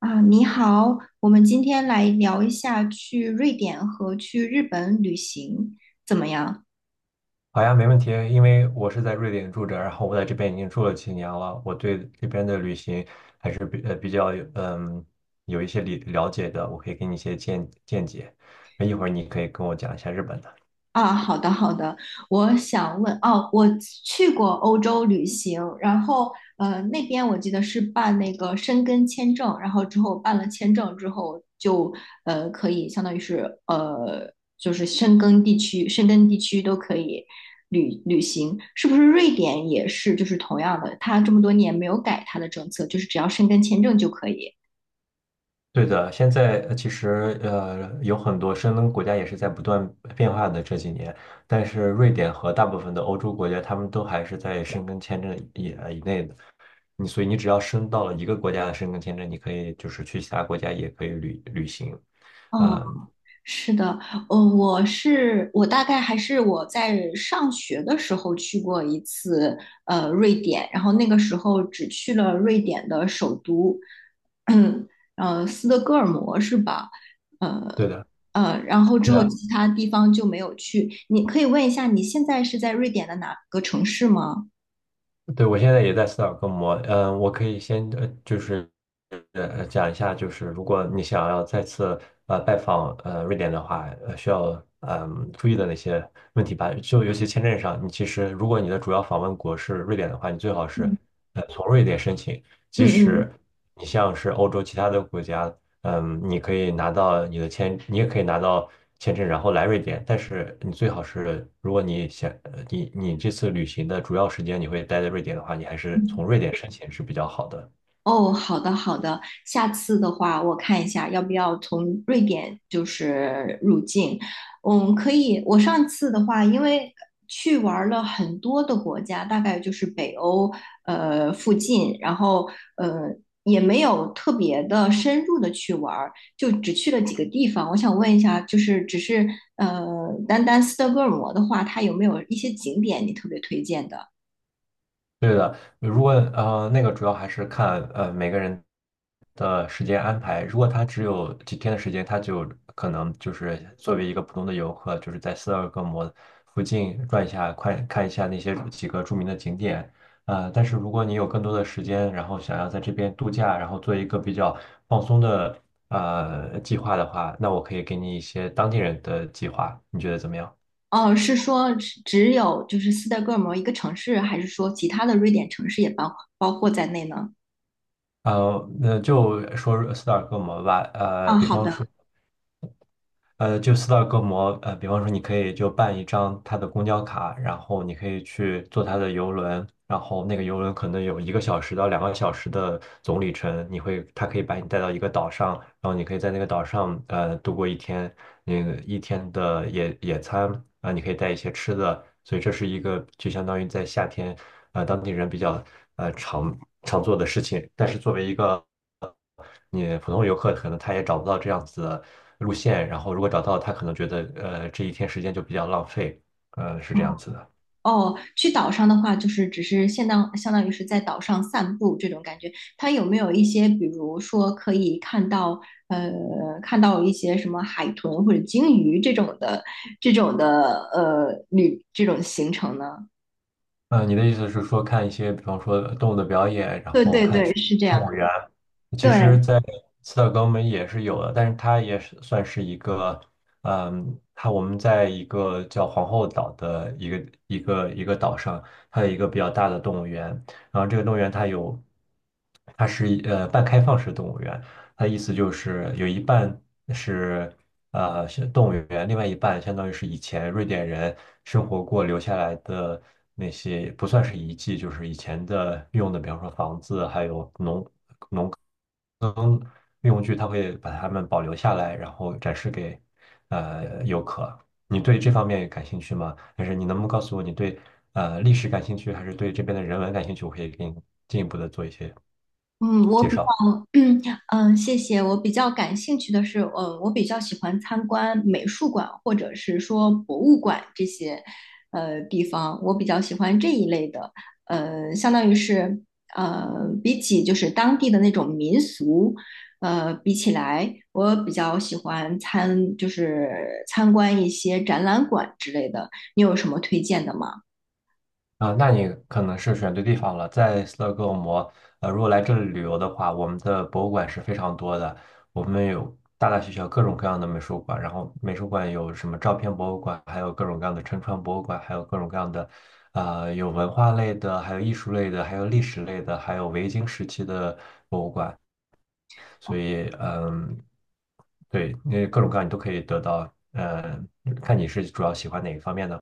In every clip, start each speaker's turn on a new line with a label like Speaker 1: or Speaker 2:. Speaker 1: 啊，你好，我们今天来聊一下去瑞典和去日本旅行怎么样？
Speaker 2: 好呀，没问题。因为我是在瑞典住着，然后我在这边已经住了几年了，我对这边的旅行还是比较有一些了解的，我可以给你一些见解。那一会儿你可以跟我讲一下日本的。
Speaker 1: 啊，好的好的，我想问哦，我去过欧洲旅行，然后那边我记得是办那个申根签证，然后之后办了签证之后就可以相当于是就是申根地区都可以旅行，是不是瑞典也是就是同样的，它这么多年没有改它的政策，就是只要申根签证就可以。
Speaker 2: 对的，现在其实有很多申根国家也是在不断变化的这几年，但是瑞典和大部分的欧洲国家，他们都还是在申根签证以内的。所以你只要申到了一个国家的申根签证，你可以就是去其他国家也可以旅行。
Speaker 1: 哦，
Speaker 2: 啊、
Speaker 1: 是的，呃，我是我大概还是我在上学的时候去过一次，瑞典，然后那个时候只去了瑞典的首都，嗯，斯德哥尔摩是吧？呃
Speaker 2: 对的。
Speaker 1: 然后之
Speaker 2: 对
Speaker 1: 后
Speaker 2: 的，
Speaker 1: 其他地方就没有去。你可以问一下，你现在是在瑞典的哪个城市吗？
Speaker 2: 对，我现在也在斯德哥尔摩，嗯，我可以先，就是讲一下，就是如果你想要再次拜访瑞典的话，需要注意的那些问题吧，就尤其签证上，你其实如果你的主要访问国是瑞典的话，你最好是
Speaker 1: 嗯
Speaker 2: 从瑞典申请，即
Speaker 1: 嗯
Speaker 2: 使你像是欧洲其他的国家。嗯，你可以拿到你的签，你也可以拿到签证，然后来瑞典。但是你最好是，如果你想，你这次旅行的主要时间你会待在瑞典的话，你还是
Speaker 1: 嗯。
Speaker 2: 从瑞典申请是比较好的。
Speaker 1: 哦，好的好的，下次的话我看一下要不要从瑞典就是入境。嗯，可以。我上次的话，因为去玩儿了很多的国家，大概就是北欧附近，然后呃也没有特别的深入的去玩儿，就只去了几个地方。我想问一下，就是只是呃单单斯德哥尔摩的话，它有没有一些景点你特别推荐的？
Speaker 2: 对的，如果那个主要还是看每个人的时间安排。如果他只有几天的时间，他就可能就是作为一个普通的游客，就是在斯德哥尔摩附近转一下，看一下那些几个著名的景点。但是如果你有更多的时间，然后想要在这边度假，然后做一个比较放松的计划的话，那我可以给你一些当地人的计划，你觉得怎么样？
Speaker 1: 哦，是说只有就是斯德哥尔摩一个城市，还是说其他的瑞典城市也包括在内呢？
Speaker 2: 那就说斯德哥尔摩吧。
Speaker 1: 啊，
Speaker 2: 比
Speaker 1: 好
Speaker 2: 方说。
Speaker 1: 的。
Speaker 2: 就斯大哥摩，比方说你可以就办一张他的公交卡，然后你可以去坐他的游轮，然后那个游轮可能有1个小时到2个小时的总里程，你会，他可以把你带到一个岛上，然后你可以在那个岛上度过一天，那个一天的野餐啊，你可以带一些吃的，所以这是一个就相当于在夏天，当地人比较常常做的事情，但是作为一个你普通游客可能他也找不到这样子的路线，然后如果找到，他可能觉得这一天时间就比较浪费，是
Speaker 1: 哦
Speaker 2: 这样子的。
Speaker 1: 哦，去岛上的话，就是只是相当于是在岛上散步这种感觉。它有没有一些，比如说可以呃看到一些什么海豚或者鲸鱼这种行程呢？
Speaker 2: 嗯，你的意思是说看一些，比方说动物的表演，然
Speaker 1: 对
Speaker 2: 后
Speaker 1: 对
Speaker 2: 看
Speaker 1: 对，是这
Speaker 2: 动
Speaker 1: 样的。
Speaker 2: 物园，其实，
Speaker 1: 对，
Speaker 2: 在斯德哥尔摩也是有的，但是它也是算是一个，嗯，它我们在一个叫皇后岛的一个岛上，它有一个比较大的动物园，然后这个动物园它有，它是一半开放式动物园，它意思就是有一半是是动物园，另外一半相当于是以前瑞典人生活过留下来的那些不算是遗迹，就是以前的用的，比方说房子，还有农能运用具，它会把它们保留下来，然后展示给游客。你对这方面感兴趣吗？还是你能不能告诉我，你对历史感兴趣，还是对这边的人文感兴趣？我可以给你进一步的做一些
Speaker 1: 嗯，我
Speaker 2: 介
Speaker 1: 比
Speaker 2: 绍。
Speaker 1: 较，嗯，谢谢。我比较感兴趣的是，我比较喜欢参观美术馆或者是说博物馆这些，地方。我比较喜欢这一类的，相当于是，呃，比起就是当地的那种民俗，比起来，我比较喜欢就是参观一些展览馆之类的。你有什么推荐的吗？
Speaker 2: 啊，那你可能是选对地方了。在斯德哥尔摩，如果来这里旅游的话，我们的博物馆是非常多的，我们有大大小小各种各样的美术馆，然后美术馆有什么照片博物馆，还有各种各样的沉船博物馆，还有各种各样的，啊，有文化类的，还有艺术类的，还有历史类的，还有维京时期的博物馆。所以，嗯，对，那各种各样你都可以得到，看你是主要喜欢哪一方面的。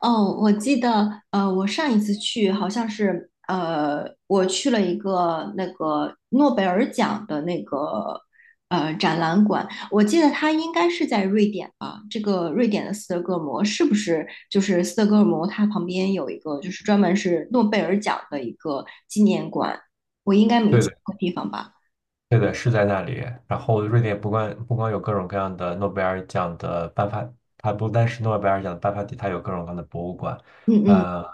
Speaker 1: 哦，我记得，我上一次去好像是，我去了一个那个诺贝尔奖的那个展览馆，我记得它应该是在瑞典吧？这个瑞典的斯德哥尔摩是不是就是斯德哥尔摩？它旁边有一个就是专门是诺贝尔奖的一个纪念馆，我应该没
Speaker 2: 对
Speaker 1: 记
Speaker 2: 的。
Speaker 1: 错地方吧？
Speaker 2: 对的，是在那里。然后，瑞典不光有各种各样的诺贝尔奖的颁发，它不单是诺贝尔奖的颁发地，它有各种各样的博物馆。
Speaker 1: 嗯嗯
Speaker 2: 呃，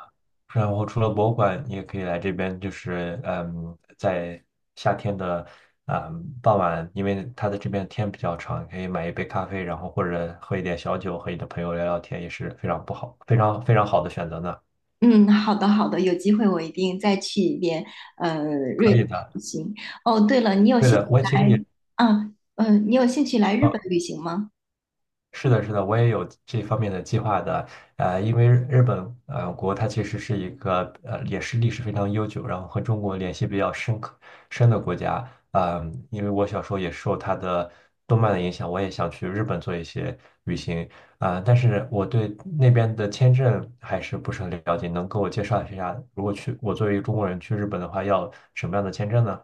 Speaker 2: 然后除了博物馆，你也可以来这边，就是，在夏天的傍晚，因为它的这边天比较长，可以买一杯咖啡，然后或者喝一点小酒，和你的朋友聊聊天，也是非常不好，非常非常好的选择呢。
Speaker 1: 嗯，好的好的，有机会我一定再去一遍，呃，瑞
Speaker 2: 可以
Speaker 1: 典
Speaker 2: 的，
Speaker 1: 旅行。哦，对了，你有
Speaker 2: 对
Speaker 1: 兴趣
Speaker 2: 的，我其实
Speaker 1: 来
Speaker 2: 也。
Speaker 1: 啊？你有兴趣来日本旅行吗？
Speaker 2: 是的，是的，我也有这方面的计划的。因为日本国它其实是一个也是历史非常悠久，然后和中国联系比较深的国家。嗯，因为我小时候也受它的动漫的影响，我也想去日本做一些旅行啊，但是我对那边的签证还是不是很了解，能给我介绍一下，如果去我作为一个中国人去日本的话，要什么样的签证呢？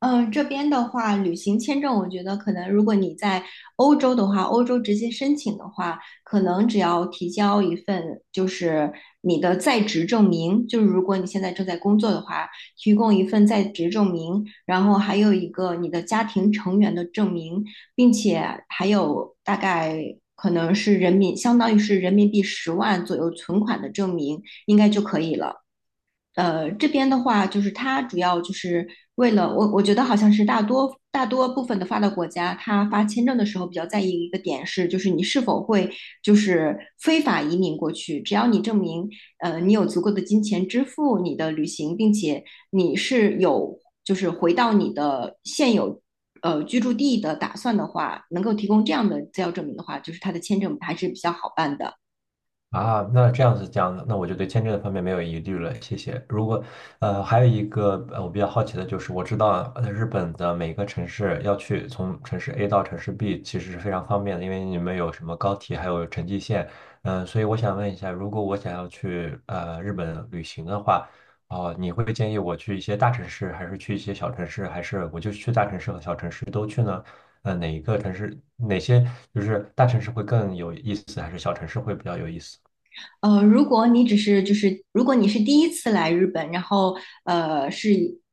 Speaker 1: 嗯，这边的话，旅行签证，我觉得可能如果你在欧洲的话，欧洲直接申请的话，可能只要提交一份就是你的在职证明，就是如果你现在正在工作的话，提供一份在职证明，然后还有一个你的家庭成员的证明，并且还有大概可能是相当于是人民币10万左右存款的证明，应该就可以了。这边的话，就是它主要就是为了我，我觉得好像是大多部分的发达国家，它发签证的时候比较在意一个点是，就是你是否会就是非法移民过去，只要你证明，你有足够的金钱支付你的旅行，并且你是有就是回到你的现有居住地的打算的话，能够提供这样的资料证明的话，就是它的签证还是比较好办的。
Speaker 2: 啊，那这样子讲的，那我就对签证的方面没有疑虑了，谢谢。如果还有一个我比较好奇的就是，我知道日本的每个城市要去从城市 A 到城市 B，其实是非常方便的，因为你们有什么高铁，还有城际线，所以我想问一下，如果我想要去日本旅行的话，哦、你会建议我去一些大城市，还是去一些小城市，还是我就去大城市和小城市都去呢？哪一个城市，哪些就是大城市会更有意思，还是小城市会比较有意思？
Speaker 1: 如果你只是就是如果你是第一次来日本，然后呃是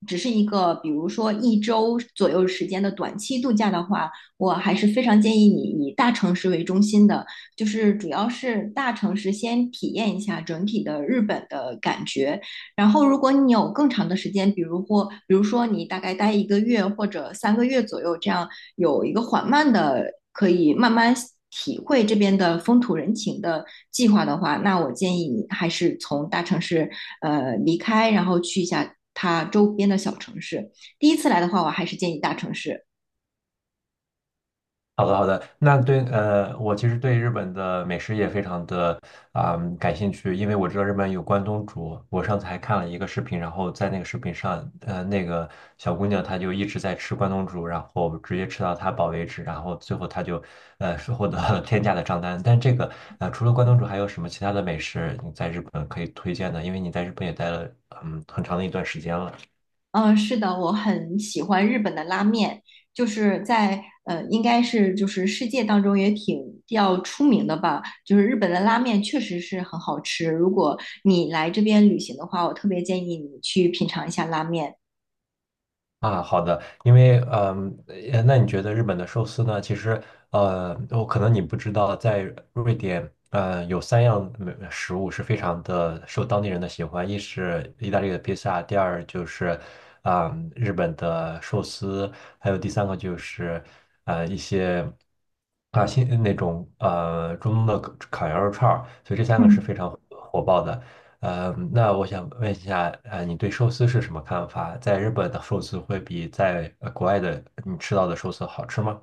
Speaker 1: 只是一个比如说一周左右时间的短期度假的话，我还是非常建议你以大城市为中心的，就是主要是大城市先体验一下整体的日本的感觉。然后，如果你有更长的时间，比如说你大概待一个月或者3个月左右这样，有一个缓慢的，可以慢慢体会这边的风土人情的计划的话，那我建议你还是从大城市离开，然后去一下它周边的小城市。第一次来的话，我还是建议大城市。
Speaker 2: 好的，好的。那对，我其实对日本的美食也非常的感兴趣，因为我知道日本有关东煮。我上次还看了一个视频，然后在那个视频上，那个小姑娘她就一直在吃关东煮，然后直接吃到她饱为止，然后最后她就是获得了天价的账单。但这个除了关东煮，还有什么其他的美食你在日本可以推荐的？因为你在日本也待了很长的一段时间了。
Speaker 1: 嗯，是的，我很喜欢日本的拉面，就是在应该是就是世界当中也挺比较出名的吧。就是日本的拉面确实是很好吃，如果你来这边旅行的话，我特别建议你去品尝一下拉面。
Speaker 2: 啊，好的，因为那你觉得日本的寿司呢？其实我可能你不知道，在瑞典，有三样美食物是非常的受当地人的喜欢，一是意大利的披萨，第二就是日本的寿司，还有第三个就是新那种中东的烤羊肉串儿，所以这三个是
Speaker 1: 嗯。
Speaker 2: 非常火爆的。那我想问一下，你对寿司是什么看法？在日本的寿司会比在国外的你吃到的寿司好吃吗？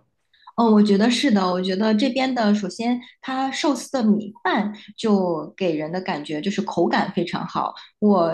Speaker 1: 哦，我觉得是的。我觉得这边的，首先它寿司的米饭就给人的感觉就是口感非常好。我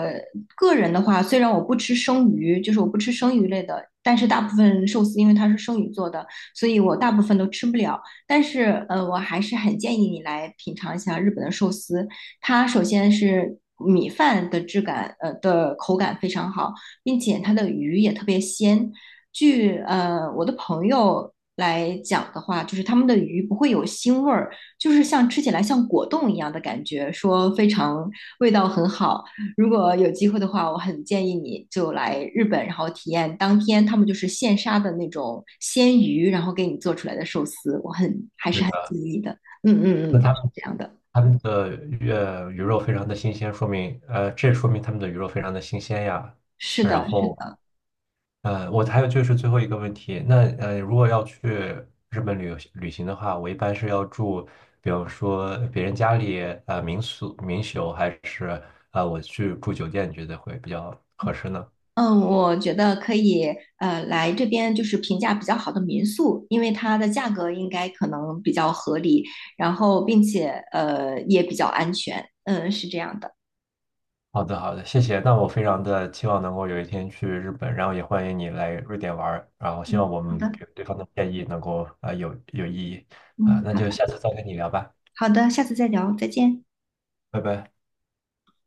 Speaker 1: 个人的话，虽然我不吃生鱼，就是我不吃生鱼类的，但是大部分寿司因为它是生鱼做的，所以我大部分都吃不了。但是，我还是很建议你来品尝一下日本的寿司。它首先是米饭的质感，的口感非常好，并且它的鱼也特别鲜。据我的朋友来讲的话，就是他们的鱼不会有腥味儿，就是像吃起来像果冻一样的感觉，说非常味道很好。如果有机会的话，我很建议你就来日本，然后体验当天他们就是现杀的那种鲜鱼，然后给你做出来的寿司，我很还是
Speaker 2: 对
Speaker 1: 很
Speaker 2: 的，
Speaker 1: 建议的。嗯嗯
Speaker 2: 那
Speaker 1: 嗯，
Speaker 2: 他
Speaker 1: 是
Speaker 2: 们
Speaker 1: 这样的，
Speaker 2: 他们的鱼肉非常的新鲜，这说明他们的鱼肉非常的新鲜呀。
Speaker 1: 是
Speaker 2: 然
Speaker 1: 的，
Speaker 2: 后我还有就是最后一个问题，那如果要去日本旅游旅行的话，我一般是要住，比方说别人家里民宿，还是我去住酒店，你觉得会比较合适呢？
Speaker 1: 嗯，我觉得可以，来这边就是评价比较好的民宿，因为它的价格应该可能比较合理，然后并且也比较安全，嗯，是这样的。
Speaker 2: 好的，好的，谢谢。那我非常的期望能够有一天去日本，然后也欢迎你来瑞典玩儿，然后希
Speaker 1: 嗯，
Speaker 2: 望我
Speaker 1: 好
Speaker 2: 们
Speaker 1: 的，
Speaker 2: 给对方的建议能够有意义
Speaker 1: 嗯，
Speaker 2: 啊、那
Speaker 1: 好
Speaker 2: 就
Speaker 1: 的，
Speaker 2: 下次再跟你聊吧，
Speaker 1: 好的，下次再聊，再见。
Speaker 2: 拜拜。